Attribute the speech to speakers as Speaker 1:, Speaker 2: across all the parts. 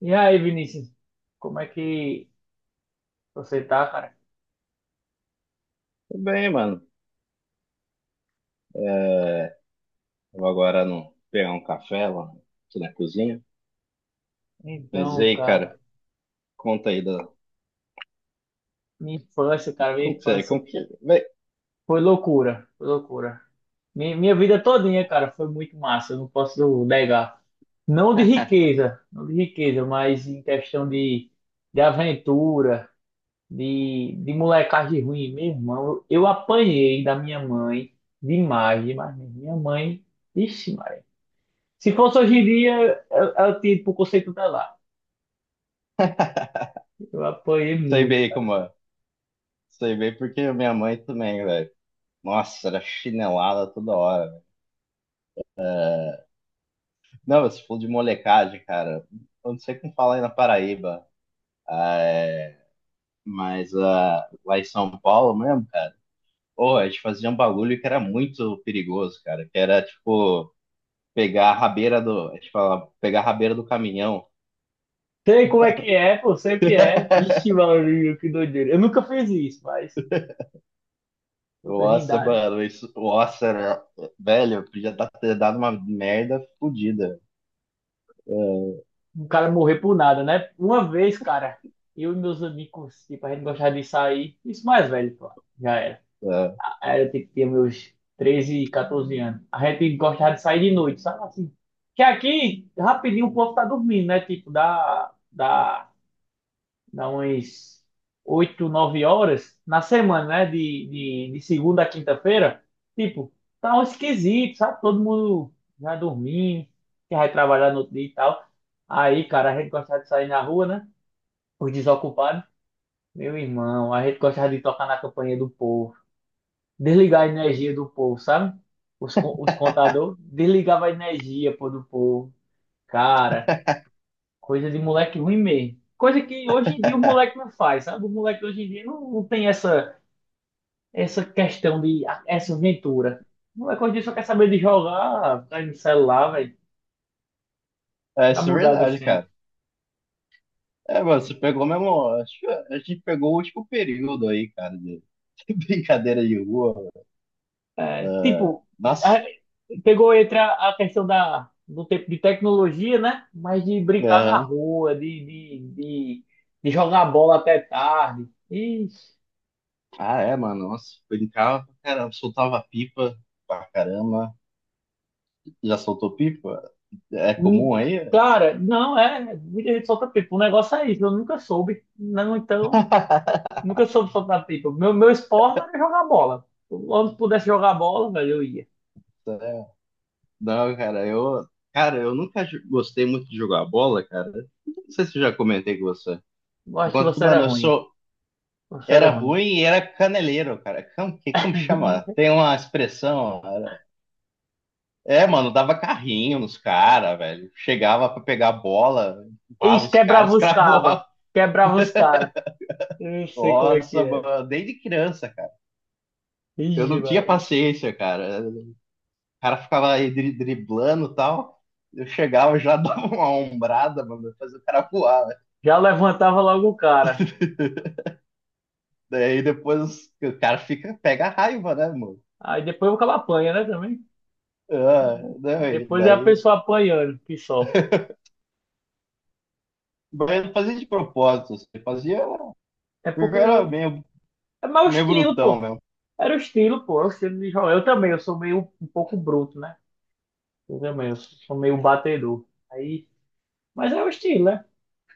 Speaker 1: E aí, Vinícius, como é que você tá, cara?
Speaker 2: Tudo bem, mano. É, vou agora no, pegar um café lá, aqui na cozinha. Mas e
Speaker 1: Então,
Speaker 2: aí, cara, conta aí da.
Speaker 1: cara, minha
Speaker 2: Como que você é?
Speaker 1: infância
Speaker 2: Como que. Bem,
Speaker 1: foi loucura, foi loucura. Minha vida todinha, cara, foi muito massa, eu não posso negar. Não de riqueza, não de riqueza, mas em questão de aventura, de molecagem ruim. Meu irmão, eu apanhei da minha mãe demais, demais mesmo. Minha mãe, ixi, Maria. Se fosse hoje em dia, eu tiro pro conceito dela. Eu apanhei
Speaker 2: sei
Speaker 1: muito.
Speaker 2: bem como é. Sei bem porque minha mãe também, velho. Nossa, era chinelada toda hora. Velho. Não, você falou de molecagem, cara. Eu não sei como fala aí na Paraíba. É, mas lá em São Paulo mesmo, cara. Pô, a gente fazia um bagulho que era muito perigoso, cara. Que era tipo. Pegar a rabeira do. A gente fala, pegar a rabeira do caminhão.
Speaker 1: Sei como é que é, pô, sempre é. Ixi, Maurílio, que doideira. Eu nunca fiz isso, mas outra
Speaker 2: Nossa,
Speaker 1: rindade.
Speaker 2: mano, isso. Nossa, né? Velho, ter dado uma merda fodida. É,
Speaker 1: Um cara morrer por nada, né? Uma vez, cara, eu e meus amigos, tipo, a gente gostava de sair. Isso mais velho, pô. Já era.
Speaker 2: é,
Speaker 1: Era, tipo, tinha meus 13 14 anos. A gente gostava de sair de noite, sabe assim? Que aqui, rapidinho, o povo tá dormindo, né? Tipo, da dá umas 8 9 horas na semana, né? De segunda a quinta-feira. Tipo, tá um esquisito, sabe? Todo mundo já dormindo, que vai trabalhar no outro dia e tal. Aí, cara, a gente gostava de sair na rua, né? Os desocupados. Meu irmão, a gente gostava de tocar na campanha do povo. Desligar a energia do povo, sabe? Os, os contadores desligava a energia, pô, do povo. Cara, coisa de moleque ruim mesmo. Coisa que hoje em dia o moleque não faz, sabe? O moleque hoje em dia não tem essa, essa questão de essa aventura. O moleque hoje em dia só quer saber de jogar, tá aí no celular, velho. Tá
Speaker 2: isso é
Speaker 1: mudado os
Speaker 2: verdade,
Speaker 1: tempos.
Speaker 2: cara. É, mano, você pegou mesmo. Acho que a gente pegou o último período aí, cara, de brincadeira de rua. Mano.
Speaker 1: É, tipo,
Speaker 2: Nossa.
Speaker 1: a- pegou entre a questão da, do tempo de tecnologia, né? Mas de brincar na
Speaker 2: Aham.
Speaker 1: rua, de jogar bola até tarde. E,
Speaker 2: Ah, é, mano. Nossa, brincava pra caramba, soltava pipa pra caramba. Já soltou pipa? É comum
Speaker 1: hum,
Speaker 2: aí?
Speaker 1: cara, não, é. Muita gente solta pipa. O negócio é isso, eu nunca soube. Não, então. Nunca soube soltar pipa. Meu esporte era jogar bola. Quando pudesse jogar bola, velho, eu ia.
Speaker 2: Não, cara, cara, eu nunca gostei muito de jogar bola, cara. Não sei se eu já comentei com você.
Speaker 1: Eu
Speaker 2: Por
Speaker 1: acho que
Speaker 2: conta que,
Speaker 1: você era
Speaker 2: mano, eu
Speaker 1: ruim.
Speaker 2: sou,
Speaker 1: Você
Speaker 2: era
Speaker 1: era ruim.
Speaker 2: ruim e era caneleiro, cara. Como, que, como chama? Tem uma expressão. Cara. É, mano, dava carrinho nos caras, velho. Chegava pra pegar a bola, empurrava
Speaker 1: Ixi,
Speaker 2: os
Speaker 1: quebrava
Speaker 2: caras,
Speaker 1: os cabas.
Speaker 2: cravoava.
Speaker 1: Quebrava os caras. Eu sei como é
Speaker 2: Nossa,
Speaker 1: que é.
Speaker 2: mano, desde criança, cara. Eu
Speaker 1: Ixi,
Speaker 2: não tinha
Speaker 1: mano.
Speaker 2: paciência, cara. O cara ficava aí driblando e tal. Eu chegava já dava uma ombrada, mano, fazia o cara voar.
Speaker 1: Já levantava logo o cara.
Speaker 2: Daí depois o cara fica, pega a raiva, né, mano?
Speaker 1: Aí depois o cara apanha, né, também?
Speaker 2: Ah, não, e
Speaker 1: Depois é a
Speaker 2: daí.
Speaker 1: pessoa apanhando, que só.
Speaker 2: Mas eu não fazia de propósito, assim, eu fazia.
Speaker 1: É
Speaker 2: Porque eu
Speaker 1: porque
Speaker 2: era
Speaker 1: eu...
Speaker 2: meio,
Speaker 1: É meu
Speaker 2: meio
Speaker 1: estilo,
Speaker 2: brutão
Speaker 1: pô.
Speaker 2: mesmo.
Speaker 1: Era o estilo, pô. É o estilo de jogar. Eu também, eu sou meio um pouco bruto, né? Eu também, eu sou meio batedor. Aí... Mas é o estilo, né?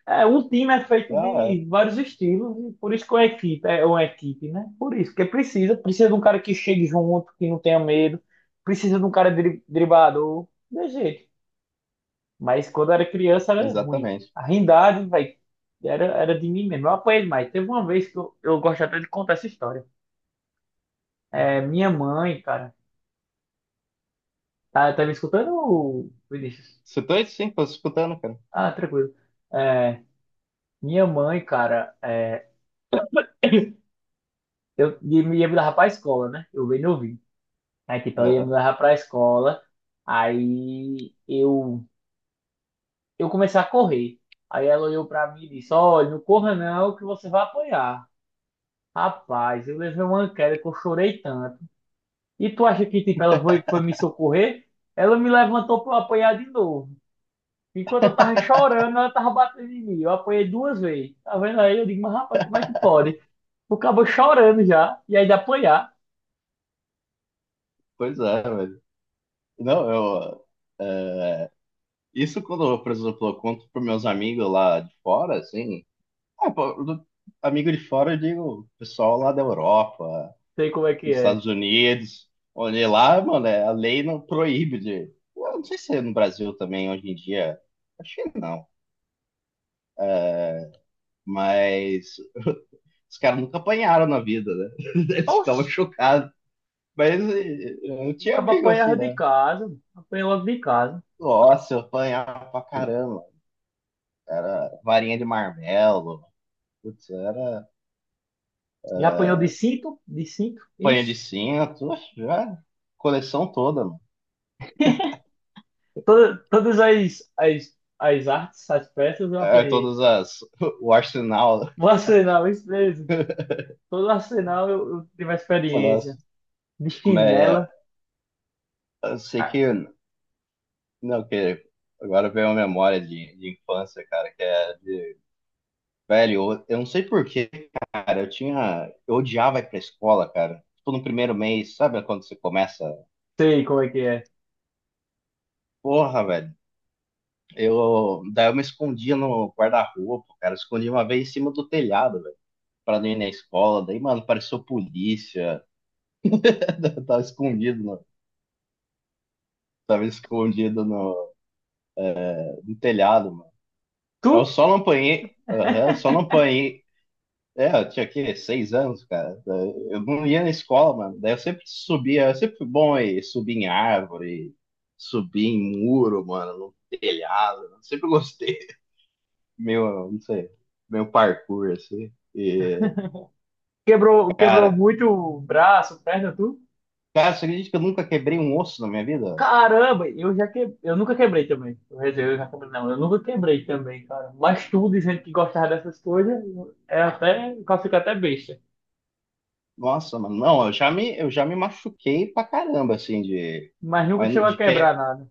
Speaker 1: É, um time é feito
Speaker 2: Ah,
Speaker 1: de vários estilos, e por isso que uma equipe é uma equipe, né? Por isso, porque precisa de um cara que chegue junto, que não tenha medo, precisa de um cara driblador, de jeito. Mas quando era criança
Speaker 2: é,
Speaker 1: era ruim.
Speaker 2: exatamente.
Speaker 1: A rindade, velho, era de mim mesmo. Eu apanhei demais. Teve uma vez que eu gosto até de contar essa história. É, minha mãe, cara, tá me escutando, Vinícius?
Speaker 2: Você tá aí sim, tô escutando, cara.
Speaker 1: Ah, tranquilo. É, minha mãe, cara, é, eu ia me levar pra escola, né? Eu bem novinho. Aí, tipo, ela ia me
Speaker 2: Aham.
Speaker 1: levar pra escola. Aí eu, eu comecei a correr. Aí ela olhou pra mim e disse: Olha, não corra não, que você vai apanhar. Rapaz, eu levei uma queda que eu chorei tanto. E tu acha que, tipo, ela foi me socorrer? Ela me levantou pra eu apanhar de novo. Enquanto eu tava chorando, ela tava batendo em mim. Eu apanhei duas vezes. Tá vendo aí? Eu digo: Mas rapaz, como é que pode? O cabo chorando já. E ainda apanhar.
Speaker 2: Pois é, velho. Não, eu. Isso quando eu, por exemplo, eu conto pros meus amigos lá de fora, assim. Ah, pô, amigo de fora, eu digo, pessoal lá da Europa,
Speaker 1: Sei como é que
Speaker 2: nos
Speaker 1: é.
Speaker 2: Estados Unidos. Olha lá, mano, a lei não proíbe de. Eu não sei se é no Brasil também hoje em dia. Acho que não. Mas os caras nunca apanharam na vida, né? Eles
Speaker 1: Oxi,
Speaker 2: ficavam chocados. Mas eu
Speaker 1: o
Speaker 2: tinha
Speaker 1: cabo
Speaker 2: amigo
Speaker 1: apanhava
Speaker 2: assim,
Speaker 1: de
Speaker 2: né?
Speaker 1: casa. Apanhei logo de casa.
Speaker 2: Nossa, eu apanhava pra caramba. Era varinha de marmelo. Putz, era
Speaker 1: Já apanhou de cinto? De cinto?
Speaker 2: panha de
Speaker 1: Ixi.
Speaker 2: cinto. Oxe, já, coleção toda, mano.
Speaker 1: Todas as artes, as peças eu
Speaker 2: É,
Speaker 1: apanhei.
Speaker 2: todas as. O arsenal.
Speaker 1: No arsenal, isso mesmo. Todo arsenal eu tive a experiência.
Speaker 2: Nossa.
Speaker 1: De
Speaker 2: Mas
Speaker 1: chinela.
Speaker 2: eu sei que
Speaker 1: Ah,
Speaker 2: não, que agora veio uma memória de infância, cara, que é de... Velho, eu não sei por quê, cara, eu tinha... Eu odiava ir pra escola, cara. Tipo, no primeiro mês, sabe quando você começa?
Speaker 1: sei como é que é.
Speaker 2: Porra, velho. Eu... Daí eu me escondia no guarda-roupa, cara. Eu escondi uma vez em cima do telhado, velho. Pra não ir na escola. Daí, mano, pareceu polícia. Eu tava escondido, no... Tava escondido no telhado, mano. Eu
Speaker 1: Tu?
Speaker 2: só não apanhei... Aham, só não apanhei é, eu tinha aqui seis anos, cara. Eu não ia na escola, mano. Daí eu sempre subia, eu sempre fui bom aí, subir em árvore, subir em muro, mano, no telhado. Eu sempre gostei. Meu, não sei, meu parkour, assim. E,
Speaker 1: Quebrou, quebrou
Speaker 2: cara,
Speaker 1: muito o braço, perna, tu?
Speaker 2: cara, você acredita que eu nunca quebrei um osso na minha vida?
Speaker 1: Caramba, eu já que... eu nunca quebrei também. Quer dizer, eu já quebrei, não, eu nunca quebrei também, cara. Mas tu dizendo que gostava dessas coisas, é até, o cara fica até besta.
Speaker 2: Nossa, mano, não, eu já me machuquei pra caramba, assim, de.
Speaker 1: Mas nunca
Speaker 2: Mas
Speaker 1: chegou a
Speaker 2: de que.
Speaker 1: quebrar nada.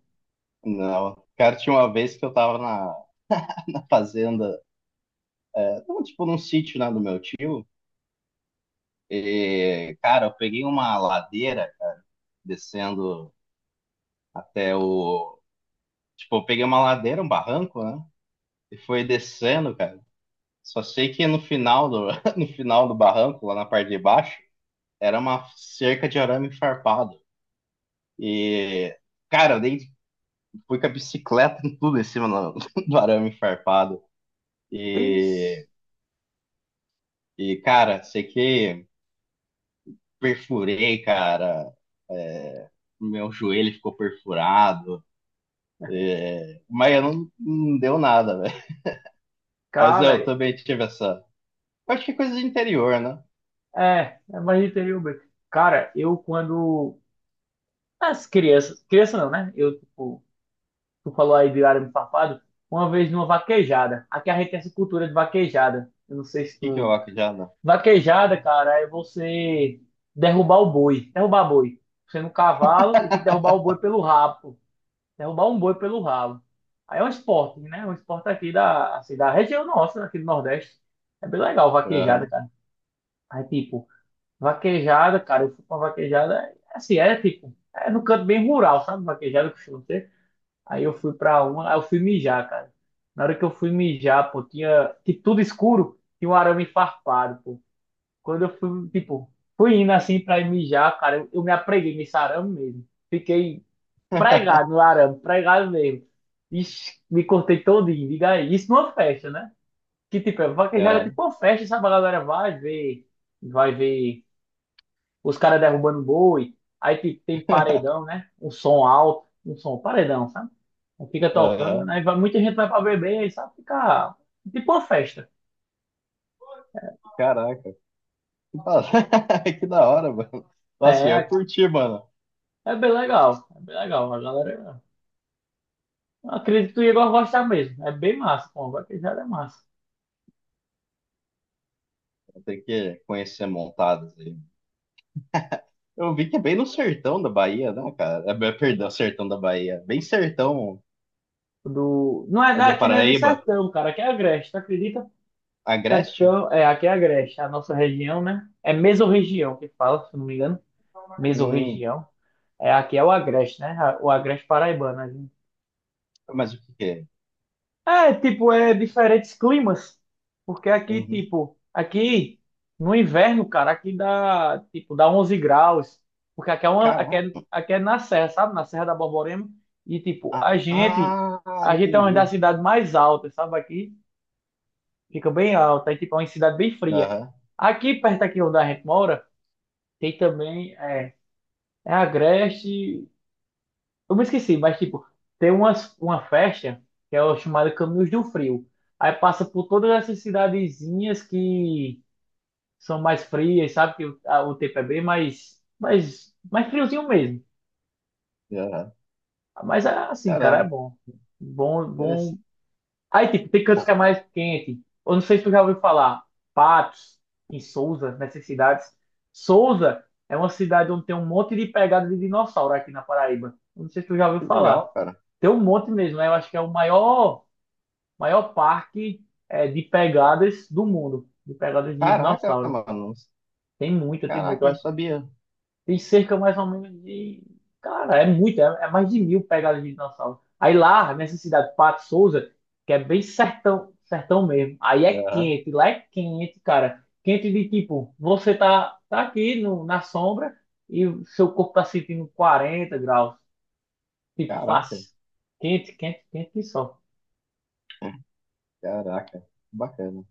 Speaker 2: Não. Cara, tinha uma vez que eu tava na fazenda, tipo num sítio, né, do meu tio. E, cara, eu peguei uma ladeira descendo até o. Tipo, eu peguei uma ladeira, um barranco, né? E foi descendo, cara. Só sei que no final do, no final do barranco, lá na parte de baixo, era uma cerca de arame farpado. E, cara, eu dei, fui com a bicicleta e tudo em cima do, do arame farpado.
Speaker 1: Ixi,
Speaker 2: E, e, cara, sei que perfurei, cara. Meu joelho ficou perfurado. Mas eu não, não deu nada, velho. Mas
Speaker 1: cara,
Speaker 2: eu também tive essa. Acho que é coisa de interior, né?
Speaker 1: é, é mais interior mesmo. Cara, eu quando. As crianças. Criança não, né? Eu, tipo, tu falou aí de arame farpado, uma vez numa vaquejada. Aqui a gente tem essa cultura de vaquejada. Eu não sei se
Speaker 2: Que eu
Speaker 1: tu.
Speaker 2: acho já não.
Speaker 1: Vaquejada, cara, é você derrubar o boi. Derrubar boi. Você no cavalo e tem que derrubar o boi pelo rabo, pô. Derrubar um boi pelo rabo. Aí é um esporte, né? É um esporte aqui da, assim, da região nossa, aqui do Nordeste. É bem legal, vaquejada,
Speaker 2: Aham,
Speaker 1: cara. Aí, tipo. Vaquejada, cara, eu fui pra vaquejada, é assim, é tipo, é no canto bem rural, sabe? Vaquejada que costuma ter. Aí eu fui pra uma, aí eu fui mijar, cara. Na hora que eu fui mijar, pô, tinha, tipo, tudo escuro, tinha um arame farpado, pô. Quando eu fui, tipo, fui indo assim pra ir mijar, cara, eu me apreguei nesse arame mesmo. Fiquei pregado no arame, pregado mesmo. Ixi, me cortei todinho, diga aí. Isso numa festa, né? Que tipo, é vaquejada é
Speaker 2: aham,
Speaker 1: tipo uma festa, sabe? A galera vai ver os caras derrubando boi, aí tem paredão, né? Um som alto, um som paredão, sabe? Aí fica
Speaker 2: aham.
Speaker 1: tocando, né? Muita gente vai pra beber, aí sabe? Fica tipo uma festa.
Speaker 2: Caraca, que da... que da hora, mano. Nossa, eu ia
Speaker 1: É,
Speaker 2: curtir, mano.
Speaker 1: é bem legal, é bem legal. A galera, eu acredito que tu ia gostar mesmo. É bem massa, pô, agora que já é massa.
Speaker 2: Tem que conhecer montadas aí. Eu vi que é bem no sertão da Bahia, né, cara? É, bem- perdão, sertão da Bahia. Bem sertão
Speaker 1: Do, não é
Speaker 2: do
Speaker 1: daqui, não é nem
Speaker 2: Paraíba.
Speaker 1: sertão, cara. Aqui é Agreste, tu acredita?
Speaker 2: Agreste?
Speaker 1: Sertão, é, aqui é Agreste, a nossa região, né? É mesorregião que fala, se não me engano.
Speaker 2: Hum,
Speaker 1: Mesorregião. É, aqui é o Agreste, né? O Agreste Paraibano, né?
Speaker 2: mas o que que é?
Speaker 1: É, tipo, é diferentes climas. Porque aqui,
Speaker 2: Uhum.
Speaker 1: tipo, aqui no inverno, cara, aqui dá, tipo, dá 11 graus. Porque aqui é, uma,
Speaker 2: Caraca.
Speaker 1: aqui é na serra, sabe? Na Serra da Borborema. E, tipo,
Speaker 2: Ah,
Speaker 1: a gente é uma das
Speaker 2: entendi.
Speaker 1: cidades mais altas, sabe? Aqui fica bem alta. E, tipo, é uma cidade bem fria.
Speaker 2: Aham,
Speaker 1: Aqui, perto aqui onde a gente mora, tem também, é, é Agreste eu me esqueci, mas tipo, tem umas, uma festa que é o chamado Caminhos do Frio. Aí passa por todas essas cidadezinhas que são mais frias, sabe? Que o, o tempo é bem mais, mais friozinho mesmo.
Speaker 2: aham.
Speaker 1: Mas assim, cara, é
Speaker 2: Caramba,
Speaker 1: bom. Bom,
Speaker 2: interessante.
Speaker 1: bom. Aí, tipo, tem cantos que é mais quente. Eu não sei se tu já ouviu falar. Patos, em Souza, nessas cidades. Souza é uma cidade onde tem um monte de pegada de dinossauro aqui na Paraíba. Eu não sei se tu já ouviu
Speaker 2: Que
Speaker 1: falar.
Speaker 2: legal, cara.
Speaker 1: Tem um monte mesmo, né? Eu acho que é o maior, maior parque é, de pegadas do mundo, de pegadas de
Speaker 2: Caraca,
Speaker 1: dinossauro.
Speaker 2: mano.
Speaker 1: Tem muita, tem muito.
Speaker 2: Caraca, eu
Speaker 1: Eu
Speaker 2: não
Speaker 1: acho que
Speaker 2: sabia.
Speaker 1: tem cerca mais ou menos de. Cara, é muito, é, é mais de 1.000 pegadas de dinossauro. Aí lá, nessa cidade, Pato Souza, que é bem sertão, sertão mesmo. Aí é
Speaker 2: Aham.
Speaker 1: quente, lá é quente, cara. Quente de tipo, você tá, tá aqui no, na sombra e o seu corpo tá sentindo 40 graus. Tipo,
Speaker 2: Caraca,
Speaker 1: fácil. Quente, quente, quente que só.
Speaker 2: caraca. Bacana.